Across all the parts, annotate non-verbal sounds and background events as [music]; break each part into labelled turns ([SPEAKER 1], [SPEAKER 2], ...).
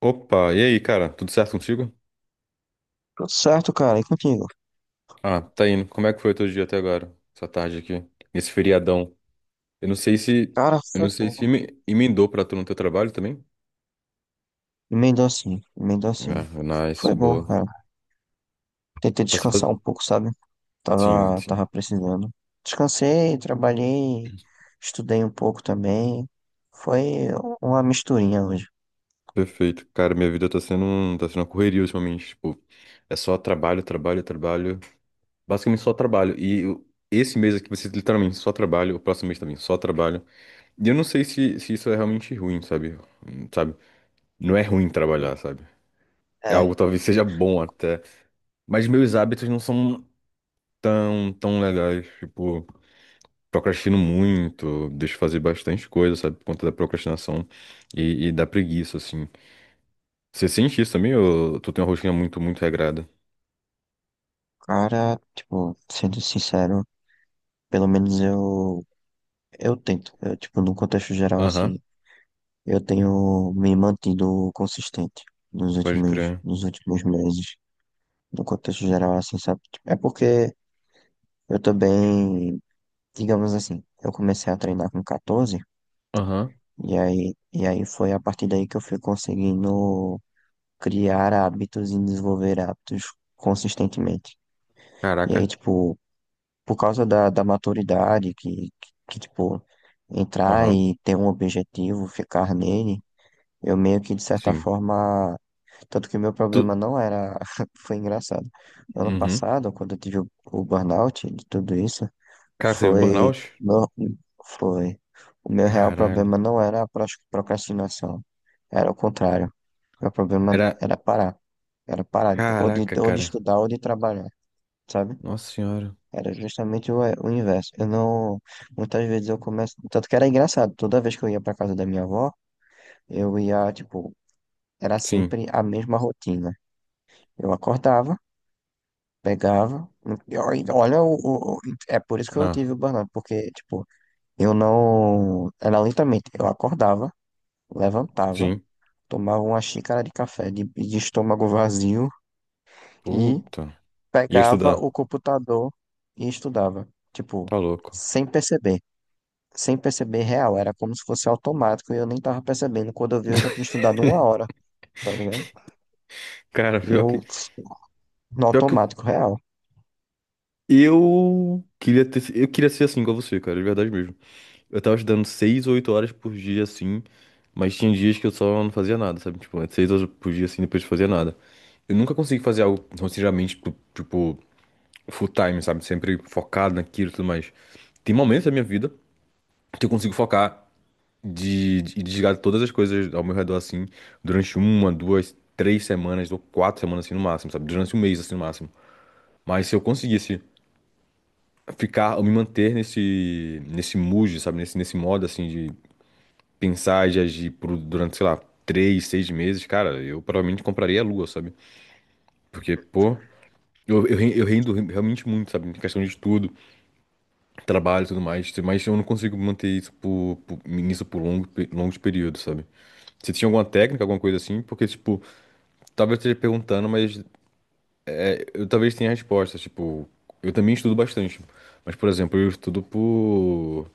[SPEAKER 1] Opa, e aí, cara? Tudo certo contigo?
[SPEAKER 2] Tudo certo, cara. E contigo?
[SPEAKER 1] Ah, tá indo. Como é que foi o teu dia até agora? Essa tarde aqui, nesse feriadão. Eu não sei se,
[SPEAKER 2] Cara,
[SPEAKER 1] eu
[SPEAKER 2] foi
[SPEAKER 1] não sei
[SPEAKER 2] bom.
[SPEAKER 1] se emendou pra tu no teu trabalho também.
[SPEAKER 2] Emendou assim, emendou
[SPEAKER 1] Ah,
[SPEAKER 2] assim.
[SPEAKER 1] nice,
[SPEAKER 2] Foi bom,
[SPEAKER 1] boa.
[SPEAKER 2] cara. Tentei
[SPEAKER 1] Tá, se faz...
[SPEAKER 2] descansar um pouco, sabe?
[SPEAKER 1] Sim,
[SPEAKER 2] Tava,
[SPEAKER 1] sim.
[SPEAKER 2] tava precisando. Descansei, trabalhei, estudei um pouco também. Foi uma misturinha hoje.
[SPEAKER 1] Perfeito. Cara, minha vida tá sendo, tá sendo uma correria ultimamente, tipo, é só trabalho, trabalho, trabalho. Basicamente só trabalho. Esse mês aqui vai ser literalmente só trabalho, o próximo mês também só trabalho. E eu não sei se, isso é realmente ruim, sabe? Sabe? Não é ruim trabalhar,
[SPEAKER 2] Exato.
[SPEAKER 1] sabe? É algo
[SPEAKER 2] É,
[SPEAKER 1] que talvez seja bom até. Mas meus hábitos não são tão legais. Tipo, procrastino muito, deixo fazer bastante coisa, sabe? Por conta da procrastinação e da preguiça, assim. Você sente isso também ou tu tem uma rotina muito, muito regrada?
[SPEAKER 2] cara, tipo, sendo sincero, pelo menos eu tento. Eu, tipo, no contexto geral,
[SPEAKER 1] Aham,
[SPEAKER 2] assim, eu tenho me mantido consistente nos
[SPEAKER 1] pode
[SPEAKER 2] últimos,
[SPEAKER 1] crer.
[SPEAKER 2] nos últimos meses. No contexto geral, assim, sabe? Tipo, é porque eu também, digamos assim, eu comecei a treinar com 14,
[SPEAKER 1] Aham,
[SPEAKER 2] e aí foi a partir daí que eu fui conseguindo criar hábitos e desenvolver hábitos consistentemente. E aí,
[SPEAKER 1] caraca.
[SPEAKER 2] tipo, por causa da maturidade, que, tipo, entrar
[SPEAKER 1] Aham,
[SPEAKER 2] e ter um objetivo, ficar nele, eu meio que, de certa
[SPEAKER 1] sim.
[SPEAKER 2] forma, tanto que o meu problema
[SPEAKER 1] Tu...
[SPEAKER 2] não era, [laughs] foi engraçado. Ano
[SPEAKER 1] Uhum.
[SPEAKER 2] passado, quando eu tive o burnout de tudo isso,
[SPEAKER 1] Cara, você viu
[SPEAKER 2] Foi,
[SPEAKER 1] burnout?
[SPEAKER 2] no- foi. O meu real
[SPEAKER 1] Caralho.
[SPEAKER 2] problema não era a procrastinação, era o contrário. Meu problema
[SPEAKER 1] Era...
[SPEAKER 2] era parar. Era parar de, ou de,
[SPEAKER 1] Caraca,
[SPEAKER 2] ou de
[SPEAKER 1] cara.
[SPEAKER 2] estudar ou de trabalhar, sabe?
[SPEAKER 1] Nossa senhora.
[SPEAKER 2] Era justamente o inverso. Eu não. Muitas vezes eu começo. Tanto que era engraçado. Toda vez que eu ia pra casa da minha avó, eu ia, tipo, era
[SPEAKER 1] Sim.
[SPEAKER 2] sempre a mesma rotina. Eu acordava, pegava. E olha, é por isso que eu
[SPEAKER 1] Ah,
[SPEAKER 2] tive o burnout, porque, tipo, eu não. Era lentamente. Eu acordava, levantava,
[SPEAKER 1] sim.
[SPEAKER 2] tomava uma xícara de café de estômago vazio e
[SPEAKER 1] Puta. Ia
[SPEAKER 2] pegava
[SPEAKER 1] estudar.
[SPEAKER 2] o computador e estudava. Tipo,
[SPEAKER 1] Tá louco.
[SPEAKER 2] sem perceber. Sem perceber real. Era como se fosse automático e eu nem tava percebendo. Quando eu vi, eu já tinha estudado uma hora, tá ligado?
[SPEAKER 1] Cara,
[SPEAKER 2] E eu, no
[SPEAKER 1] pior que
[SPEAKER 2] automático real.
[SPEAKER 1] eu queria ter, eu queria ser assim igual você, cara, de verdade mesmo. Eu tava estudando 6 ou 8 horas por dia, assim, mas tinha dias que eu só não fazia nada, sabe? Tipo, é 6 horas por dia, assim, depois não fazia nada. Eu nunca consegui fazer algo sinceramente, tipo, full time, sabe? Sempre focado naquilo e tudo mais. Tem momentos da minha vida que eu consigo focar e desligar todas as coisas ao meu redor, assim, durante 1, 2, 3 semanas ou 4 semanas, assim, no máximo, sabe? Durante um mês, assim, no máximo. Mas se eu conseguisse ficar, ou me manter nesse mood, sabe? Nesse modo, assim, de pensar e de agir durante, sei lá, 3, 6 meses, cara, eu provavelmente compraria a Lua, sabe? Porque, pô, eu rendo realmente muito, sabe? Em questão de estudo, trabalho e tudo mais, mas eu não consigo manter isso nisso por longos períodos, sabe? Você tinha alguma técnica, alguma coisa assim? Porque, tipo, talvez eu esteja perguntando, mas eu talvez tenha a resposta, tipo, eu também estudo bastante. Mas, por exemplo, eu estudo por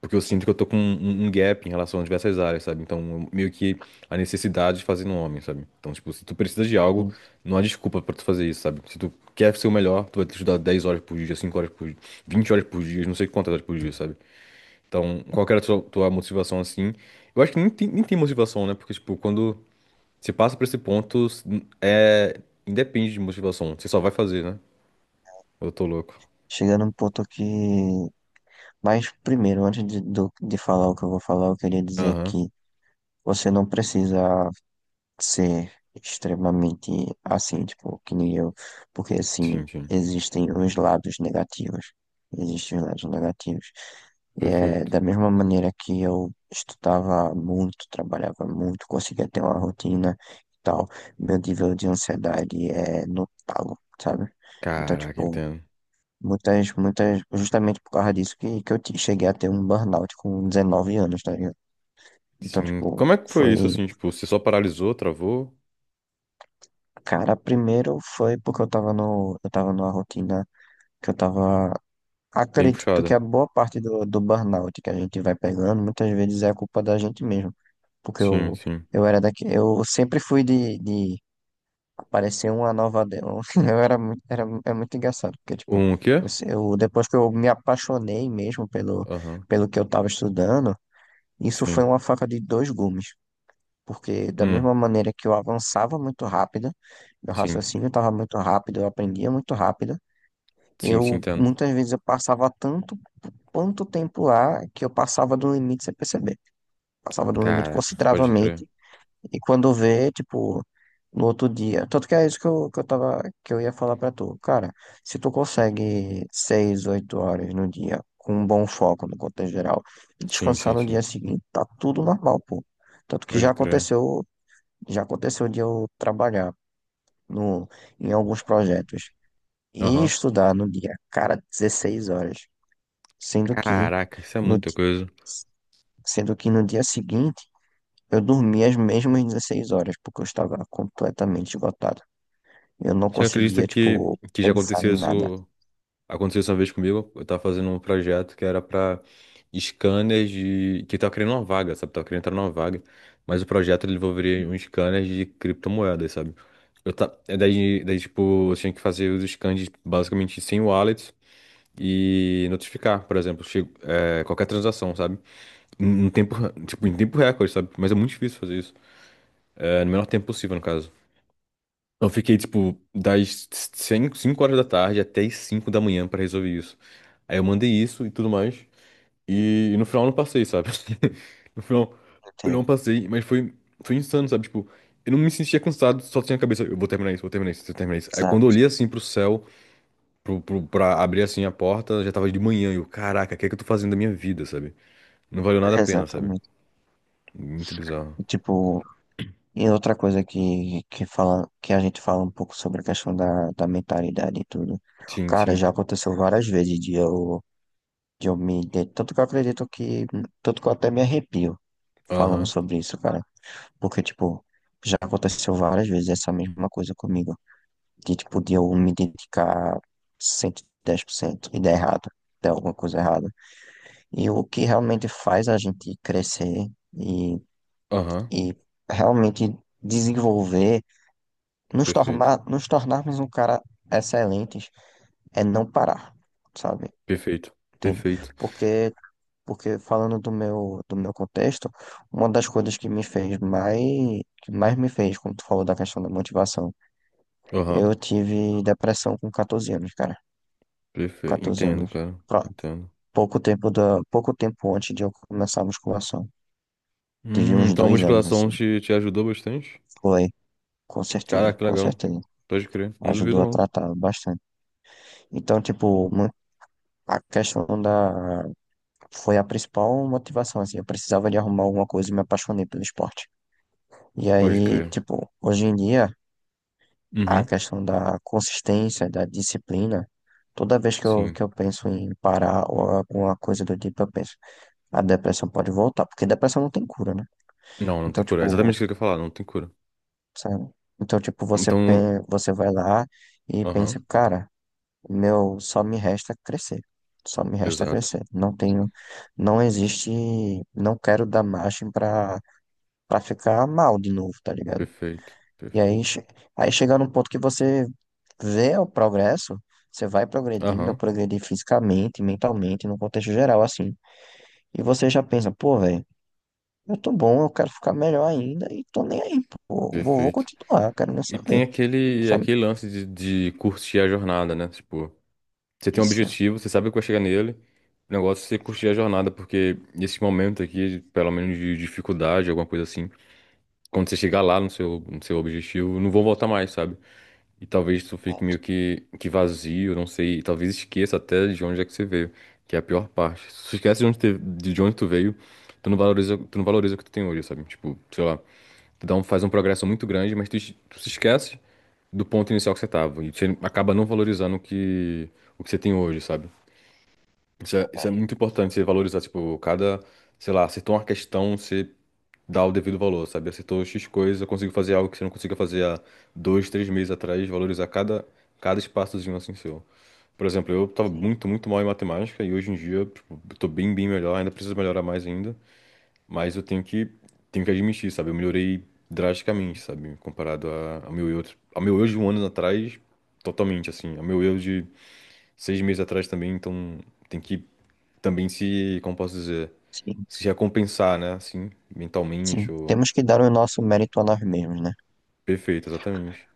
[SPEAKER 1] porque eu sinto que eu tô com um gap em relação a diversas áreas, sabe? Então, meio que a necessidade de fazer no homem, sabe? Então, tipo, se tu precisa de algo,
[SPEAKER 2] E
[SPEAKER 1] não há desculpa pra tu fazer isso, sabe? Se tu quer ser o melhor, tu vai estudar 10 horas por dia, 5 horas por dia, 20 horas por dia, não sei quantas horas por dia, sabe? Então, qual que era a tua motivação assim? Eu acho que nem tem motivação, né? Porque, tipo, quando você passa pra esse ponto, é... independe de motivação. Você só vai fazer, né? Eu tô louco.
[SPEAKER 2] chegando num ponto que. Mas primeiro, antes de falar o que eu vou falar, eu queria dizer
[SPEAKER 1] Aham.
[SPEAKER 2] que você não precisa. Ser extremamente assim, tipo, que nem eu, porque
[SPEAKER 1] Sim,
[SPEAKER 2] assim,
[SPEAKER 1] sim.
[SPEAKER 2] existem os lados negativos, existem os lados negativos. É,
[SPEAKER 1] Perfeito.
[SPEAKER 2] da mesma maneira que eu estudava muito, trabalhava muito, conseguia ter uma rotina e tal, meu nível de ansiedade é notável, sabe? Então,
[SPEAKER 1] Caraca,
[SPEAKER 2] tipo,
[SPEAKER 1] entendo.
[SPEAKER 2] muitas, muitas, justamente por causa disso que cheguei a ter um burnout com 19 anos, tá ligado? Então,
[SPEAKER 1] Sim.
[SPEAKER 2] tipo,
[SPEAKER 1] Como é que foi
[SPEAKER 2] foi.
[SPEAKER 1] isso, assim? Tipo, você só paralisou, travou?
[SPEAKER 2] Cara, primeiro foi porque eu tava no, eu tava numa rotina que eu tava.
[SPEAKER 1] Bem
[SPEAKER 2] Acredito que
[SPEAKER 1] puxada.
[SPEAKER 2] a boa parte do burnout que a gente vai pegando, muitas vezes é a culpa da gente mesmo. Porque
[SPEAKER 1] Sim,
[SPEAKER 2] eu,
[SPEAKER 1] sim.
[SPEAKER 2] eu era daqui, eu sempre fui de aparecer uma nova. [laughs] Eu era, é muito engraçado, porque, tipo,
[SPEAKER 1] Um, o quê?
[SPEAKER 2] eu, se- eu- depois que eu me apaixonei mesmo pelo,
[SPEAKER 1] Aham.
[SPEAKER 2] que eu tava estudando, isso foi
[SPEAKER 1] Sim.
[SPEAKER 2] uma faca de dois gumes. Porque da
[SPEAKER 1] Hum,
[SPEAKER 2] mesma maneira que eu avançava muito rápido, meu
[SPEAKER 1] sim.
[SPEAKER 2] raciocínio estava muito rápido, eu aprendia muito rápido,
[SPEAKER 1] Sim, sim,
[SPEAKER 2] eu
[SPEAKER 1] entendo.
[SPEAKER 2] muitas vezes eu passava tanto quanto tempo lá que eu passava do limite sem perceber. Passava do limite
[SPEAKER 1] Caraca, pode crer.
[SPEAKER 2] consideravelmente e quando vê, tipo, no outro dia, tanto que é isso que eu ia falar pra tu. Cara, se tu consegue 6, 8 horas no dia com um bom foco no contexto geral e
[SPEAKER 1] Sim,
[SPEAKER 2] descansar
[SPEAKER 1] sim,
[SPEAKER 2] no dia
[SPEAKER 1] sim.
[SPEAKER 2] seguinte, tá tudo normal, pô. Tanto que
[SPEAKER 1] Pode
[SPEAKER 2] já
[SPEAKER 1] crer.
[SPEAKER 2] aconteceu já aconteceu de eu trabalhar no, em alguns projetos e
[SPEAKER 1] Aham.
[SPEAKER 2] estudar no dia, cara, 16 horas, sendo que
[SPEAKER 1] Caraca, isso é
[SPEAKER 2] no,
[SPEAKER 1] muita
[SPEAKER 2] di-
[SPEAKER 1] coisa.
[SPEAKER 2] no dia seguinte eu dormi as mesmas 16 horas, porque eu estava completamente esgotado. Eu não
[SPEAKER 1] Você acredita
[SPEAKER 2] conseguia, tipo,
[SPEAKER 1] que já
[SPEAKER 2] pensar
[SPEAKER 1] aconteceu
[SPEAKER 2] em nada.
[SPEAKER 1] isso? Aconteceu isso uma vez comigo, eu tava fazendo um projeto que era pra scanners de... que tava criando uma vaga, sabe? Tava querendo entrar numa vaga, mas o projeto ele envolveria um scanner de criptomoedas, sabe? Eu ta... é daí, Daí, tipo, eu tinha que fazer os scans basicamente sem wallets e notificar, por exemplo, qualquer transação, sabe? Em tempo, tipo, em tempo recorde, sabe? Mas é muito difícil fazer isso. É, no menor tempo possível, no caso. Então, eu fiquei, tipo, das 5 5 horas da tarde até as 5 da manhã pra resolver isso. Aí eu mandei isso e tudo mais. E no final eu não passei, sabe? [laughs] No final eu
[SPEAKER 2] Entende?
[SPEAKER 1] não passei, mas foi, foi insano, sabe? Tipo, eu não me sentia cansado, só tinha a cabeça. Eu vou terminar isso, vou terminar isso, vou terminar isso. Aí quando eu
[SPEAKER 2] Exato,
[SPEAKER 1] olhei assim pro céu, pra abrir assim a porta, já tava de manhã. E eu, caraca, o que é que eu tô fazendo da minha vida, sabe? Não valeu nada a pena, sabe?
[SPEAKER 2] exatamente.
[SPEAKER 1] Muito bizarro.
[SPEAKER 2] E, tipo, outra coisa que a gente fala um pouco sobre a questão da mentalidade e tudo.
[SPEAKER 1] Sim,
[SPEAKER 2] Cara,
[SPEAKER 1] sim.
[SPEAKER 2] já aconteceu várias vezes de eu me ident- tanto que eu acredito que, tanto que eu até me arrepio falando
[SPEAKER 1] Aham,
[SPEAKER 2] sobre isso, cara, porque, tipo, já aconteceu várias vezes essa mesma coisa comigo, de, tipo, de eu me dedicar 110% e dar errado, dar alguma coisa errada, e o que realmente faz a gente crescer e,
[SPEAKER 1] aham.
[SPEAKER 2] e realmente desenvolver, nos
[SPEAKER 1] Perfeito,
[SPEAKER 2] tornar, nos tornarmos um cara excelentes, é não parar, sabe?
[SPEAKER 1] perfeito,
[SPEAKER 2] Entende?
[SPEAKER 1] perfeito.
[SPEAKER 2] Porque Porque falando do meu contexto, uma das coisas que me fez mais, que mais me fez, quando tu falou da questão da motivação,
[SPEAKER 1] Aham.
[SPEAKER 2] eu tive depressão com 14 anos, cara.
[SPEAKER 1] Perfeito.
[SPEAKER 2] 14
[SPEAKER 1] Entendo,
[SPEAKER 2] anos.
[SPEAKER 1] cara.
[SPEAKER 2] Pró-
[SPEAKER 1] Entendo.
[SPEAKER 2] pouco tempo antes de eu começar a musculação. Tive uns
[SPEAKER 1] Então a
[SPEAKER 2] 2 anos,
[SPEAKER 1] musculação
[SPEAKER 2] assim.
[SPEAKER 1] te ajudou bastante?
[SPEAKER 2] Foi, com certeza,
[SPEAKER 1] Caraca, que
[SPEAKER 2] com
[SPEAKER 1] legal.
[SPEAKER 2] certeza.
[SPEAKER 1] Pode crer. Não duvido,
[SPEAKER 2] Ajudou a
[SPEAKER 1] não.
[SPEAKER 2] tratar bastante. Então, tipo, a questão da, foi a principal motivação, assim. Eu precisava de arrumar alguma coisa e me apaixonei pelo esporte. E
[SPEAKER 1] Pode
[SPEAKER 2] aí,
[SPEAKER 1] crer.
[SPEAKER 2] tipo, hoje em dia a
[SPEAKER 1] Uhum.
[SPEAKER 2] questão da consistência, da disciplina. Toda vez que eu,
[SPEAKER 1] Sim.
[SPEAKER 2] que eu penso em parar ou alguma coisa do tipo, eu penso, a depressão pode voltar, porque depressão não tem cura, né?
[SPEAKER 1] Não, não
[SPEAKER 2] Então,
[SPEAKER 1] tem cura. É exatamente
[SPEAKER 2] tipo,
[SPEAKER 1] o que eu ia falar, não tem cura.
[SPEAKER 2] sabe? Então, tipo, você,
[SPEAKER 1] Então.
[SPEAKER 2] pe- você vai lá e
[SPEAKER 1] Aham.
[SPEAKER 2] pensa, cara, meu, só me resta crescer. Só me resta
[SPEAKER 1] Exato.
[SPEAKER 2] crescer. Não tenho, não existe, não quero dar margem pra ficar mal de novo, tá ligado?
[SPEAKER 1] Perfeito.
[SPEAKER 2] E aí,
[SPEAKER 1] Perfeito.
[SPEAKER 2] che- aí chega num ponto que você vê o progresso, você vai progredindo, eu
[SPEAKER 1] Aham.
[SPEAKER 2] progredi fisicamente, mentalmente, no contexto geral, assim. E você já pensa, pô, velho, eu tô bom, eu quero ficar melhor ainda e tô nem aí, pô, vou
[SPEAKER 1] Perfeito.
[SPEAKER 2] continuar, eu quero nem
[SPEAKER 1] E tem
[SPEAKER 2] saber,
[SPEAKER 1] aquele,
[SPEAKER 2] sabe?
[SPEAKER 1] aquele lance de curtir a jornada, né? Tipo, você tem um
[SPEAKER 2] Isso,
[SPEAKER 1] objetivo, você sabe que vai chegar nele. O negócio é você curtir a jornada, porque nesse momento aqui, pelo menos de dificuldade, alguma coisa assim, quando você chegar lá no seu objetivo, não vão voltar mais, sabe? E talvez isso fique
[SPEAKER 2] exato,
[SPEAKER 1] meio que vazio, não sei, e talvez esqueça até de onde é que você veio, que é a pior parte. Se você esquece de onde tu veio, tu não valoriza o que tu tem hoje, sabe? Tipo, sei lá, faz um progresso muito grande, mas tu se esquece do ponto inicial que você tava, e você acaba não valorizando o que você tem hoje, sabe? Isso é
[SPEAKER 2] verdade.
[SPEAKER 1] muito importante, você valorizar, tipo, cada, sei lá, acertou uma questão, você dá o devido valor, sabe? Acertou X coisa, conseguiu fazer algo que você não conseguia fazer há 2, 3 meses atrás, valorizar cada espaçozinho assim seu. Por exemplo, eu tava
[SPEAKER 2] Sim,
[SPEAKER 1] muito, muito mal em matemática e hoje em dia, tipo, eu tô bem, bem melhor, ainda preciso melhorar mais ainda, mas eu tenho que admitir, sabe? Eu melhorei drasticamente, sabe? Comparado ao meu eu, de um ano atrás, totalmente, assim, ao meu eu 6 meses atrás também, então tem que também se, como posso dizer,
[SPEAKER 2] sim,
[SPEAKER 1] se recompensar, né? Assim, mentalmente,
[SPEAKER 2] sim.
[SPEAKER 1] ou...
[SPEAKER 2] Temos que dar o nosso mérito a nós mesmos, né?
[SPEAKER 1] Perfeito, exatamente.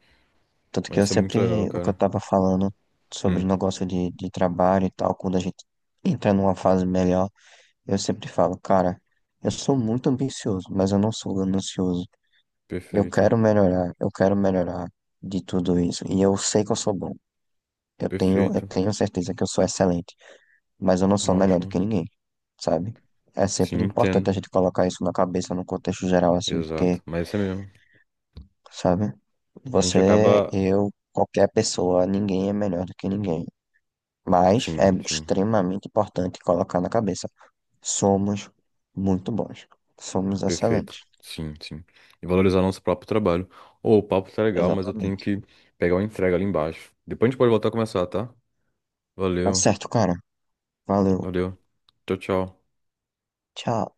[SPEAKER 2] Tanto que
[SPEAKER 1] Mas
[SPEAKER 2] eu
[SPEAKER 1] isso é muito legal,
[SPEAKER 2] sempre, o que eu
[SPEAKER 1] cara.
[SPEAKER 2] tava falando sobre
[SPEAKER 1] Hum,
[SPEAKER 2] o negócio de trabalho e tal, quando a gente entra numa fase melhor. Eu sempre falo, cara, eu sou muito ambicioso, mas eu não sou ganancioso.
[SPEAKER 1] perfeito,
[SPEAKER 2] Eu quero melhorar de tudo isso. E eu sei que eu sou bom. Eu tenho, eu
[SPEAKER 1] perfeito.
[SPEAKER 2] tenho certeza que eu sou excelente, mas eu não sou melhor do
[SPEAKER 1] Ótimo.
[SPEAKER 2] que ninguém, sabe? É
[SPEAKER 1] Sim,
[SPEAKER 2] sempre importante
[SPEAKER 1] entendo.
[SPEAKER 2] a gente colocar isso na cabeça, no contexto geral, assim,
[SPEAKER 1] Exato.
[SPEAKER 2] porque,
[SPEAKER 1] Mas isso é mesmo.
[SPEAKER 2] sabe?
[SPEAKER 1] A gente
[SPEAKER 2] Você,
[SPEAKER 1] acaba.
[SPEAKER 2] eu, qualquer pessoa, ninguém é melhor do que ninguém. Mas é
[SPEAKER 1] Sim, sim.
[SPEAKER 2] extremamente importante colocar na cabeça. Somos muito bons. Somos
[SPEAKER 1] Perfeito.
[SPEAKER 2] excelentes.
[SPEAKER 1] Sim, sim. E valorizar nosso próprio trabalho. Ô, o papo tá legal, mas eu tenho
[SPEAKER 2] Exatamente.
[SPEAKER 1] que pegar uma entrega ali embaixo. Depois a gente pode voltar a começar, tá?
[SPEAKER 2] Tá
[SPEAKER 1] Valeu,
[SPEAKER 2] certo, cara. Valeu.
[SPEAKER 1] valeu. Tchau, tchau.
[SPEAKER 2] Tchau.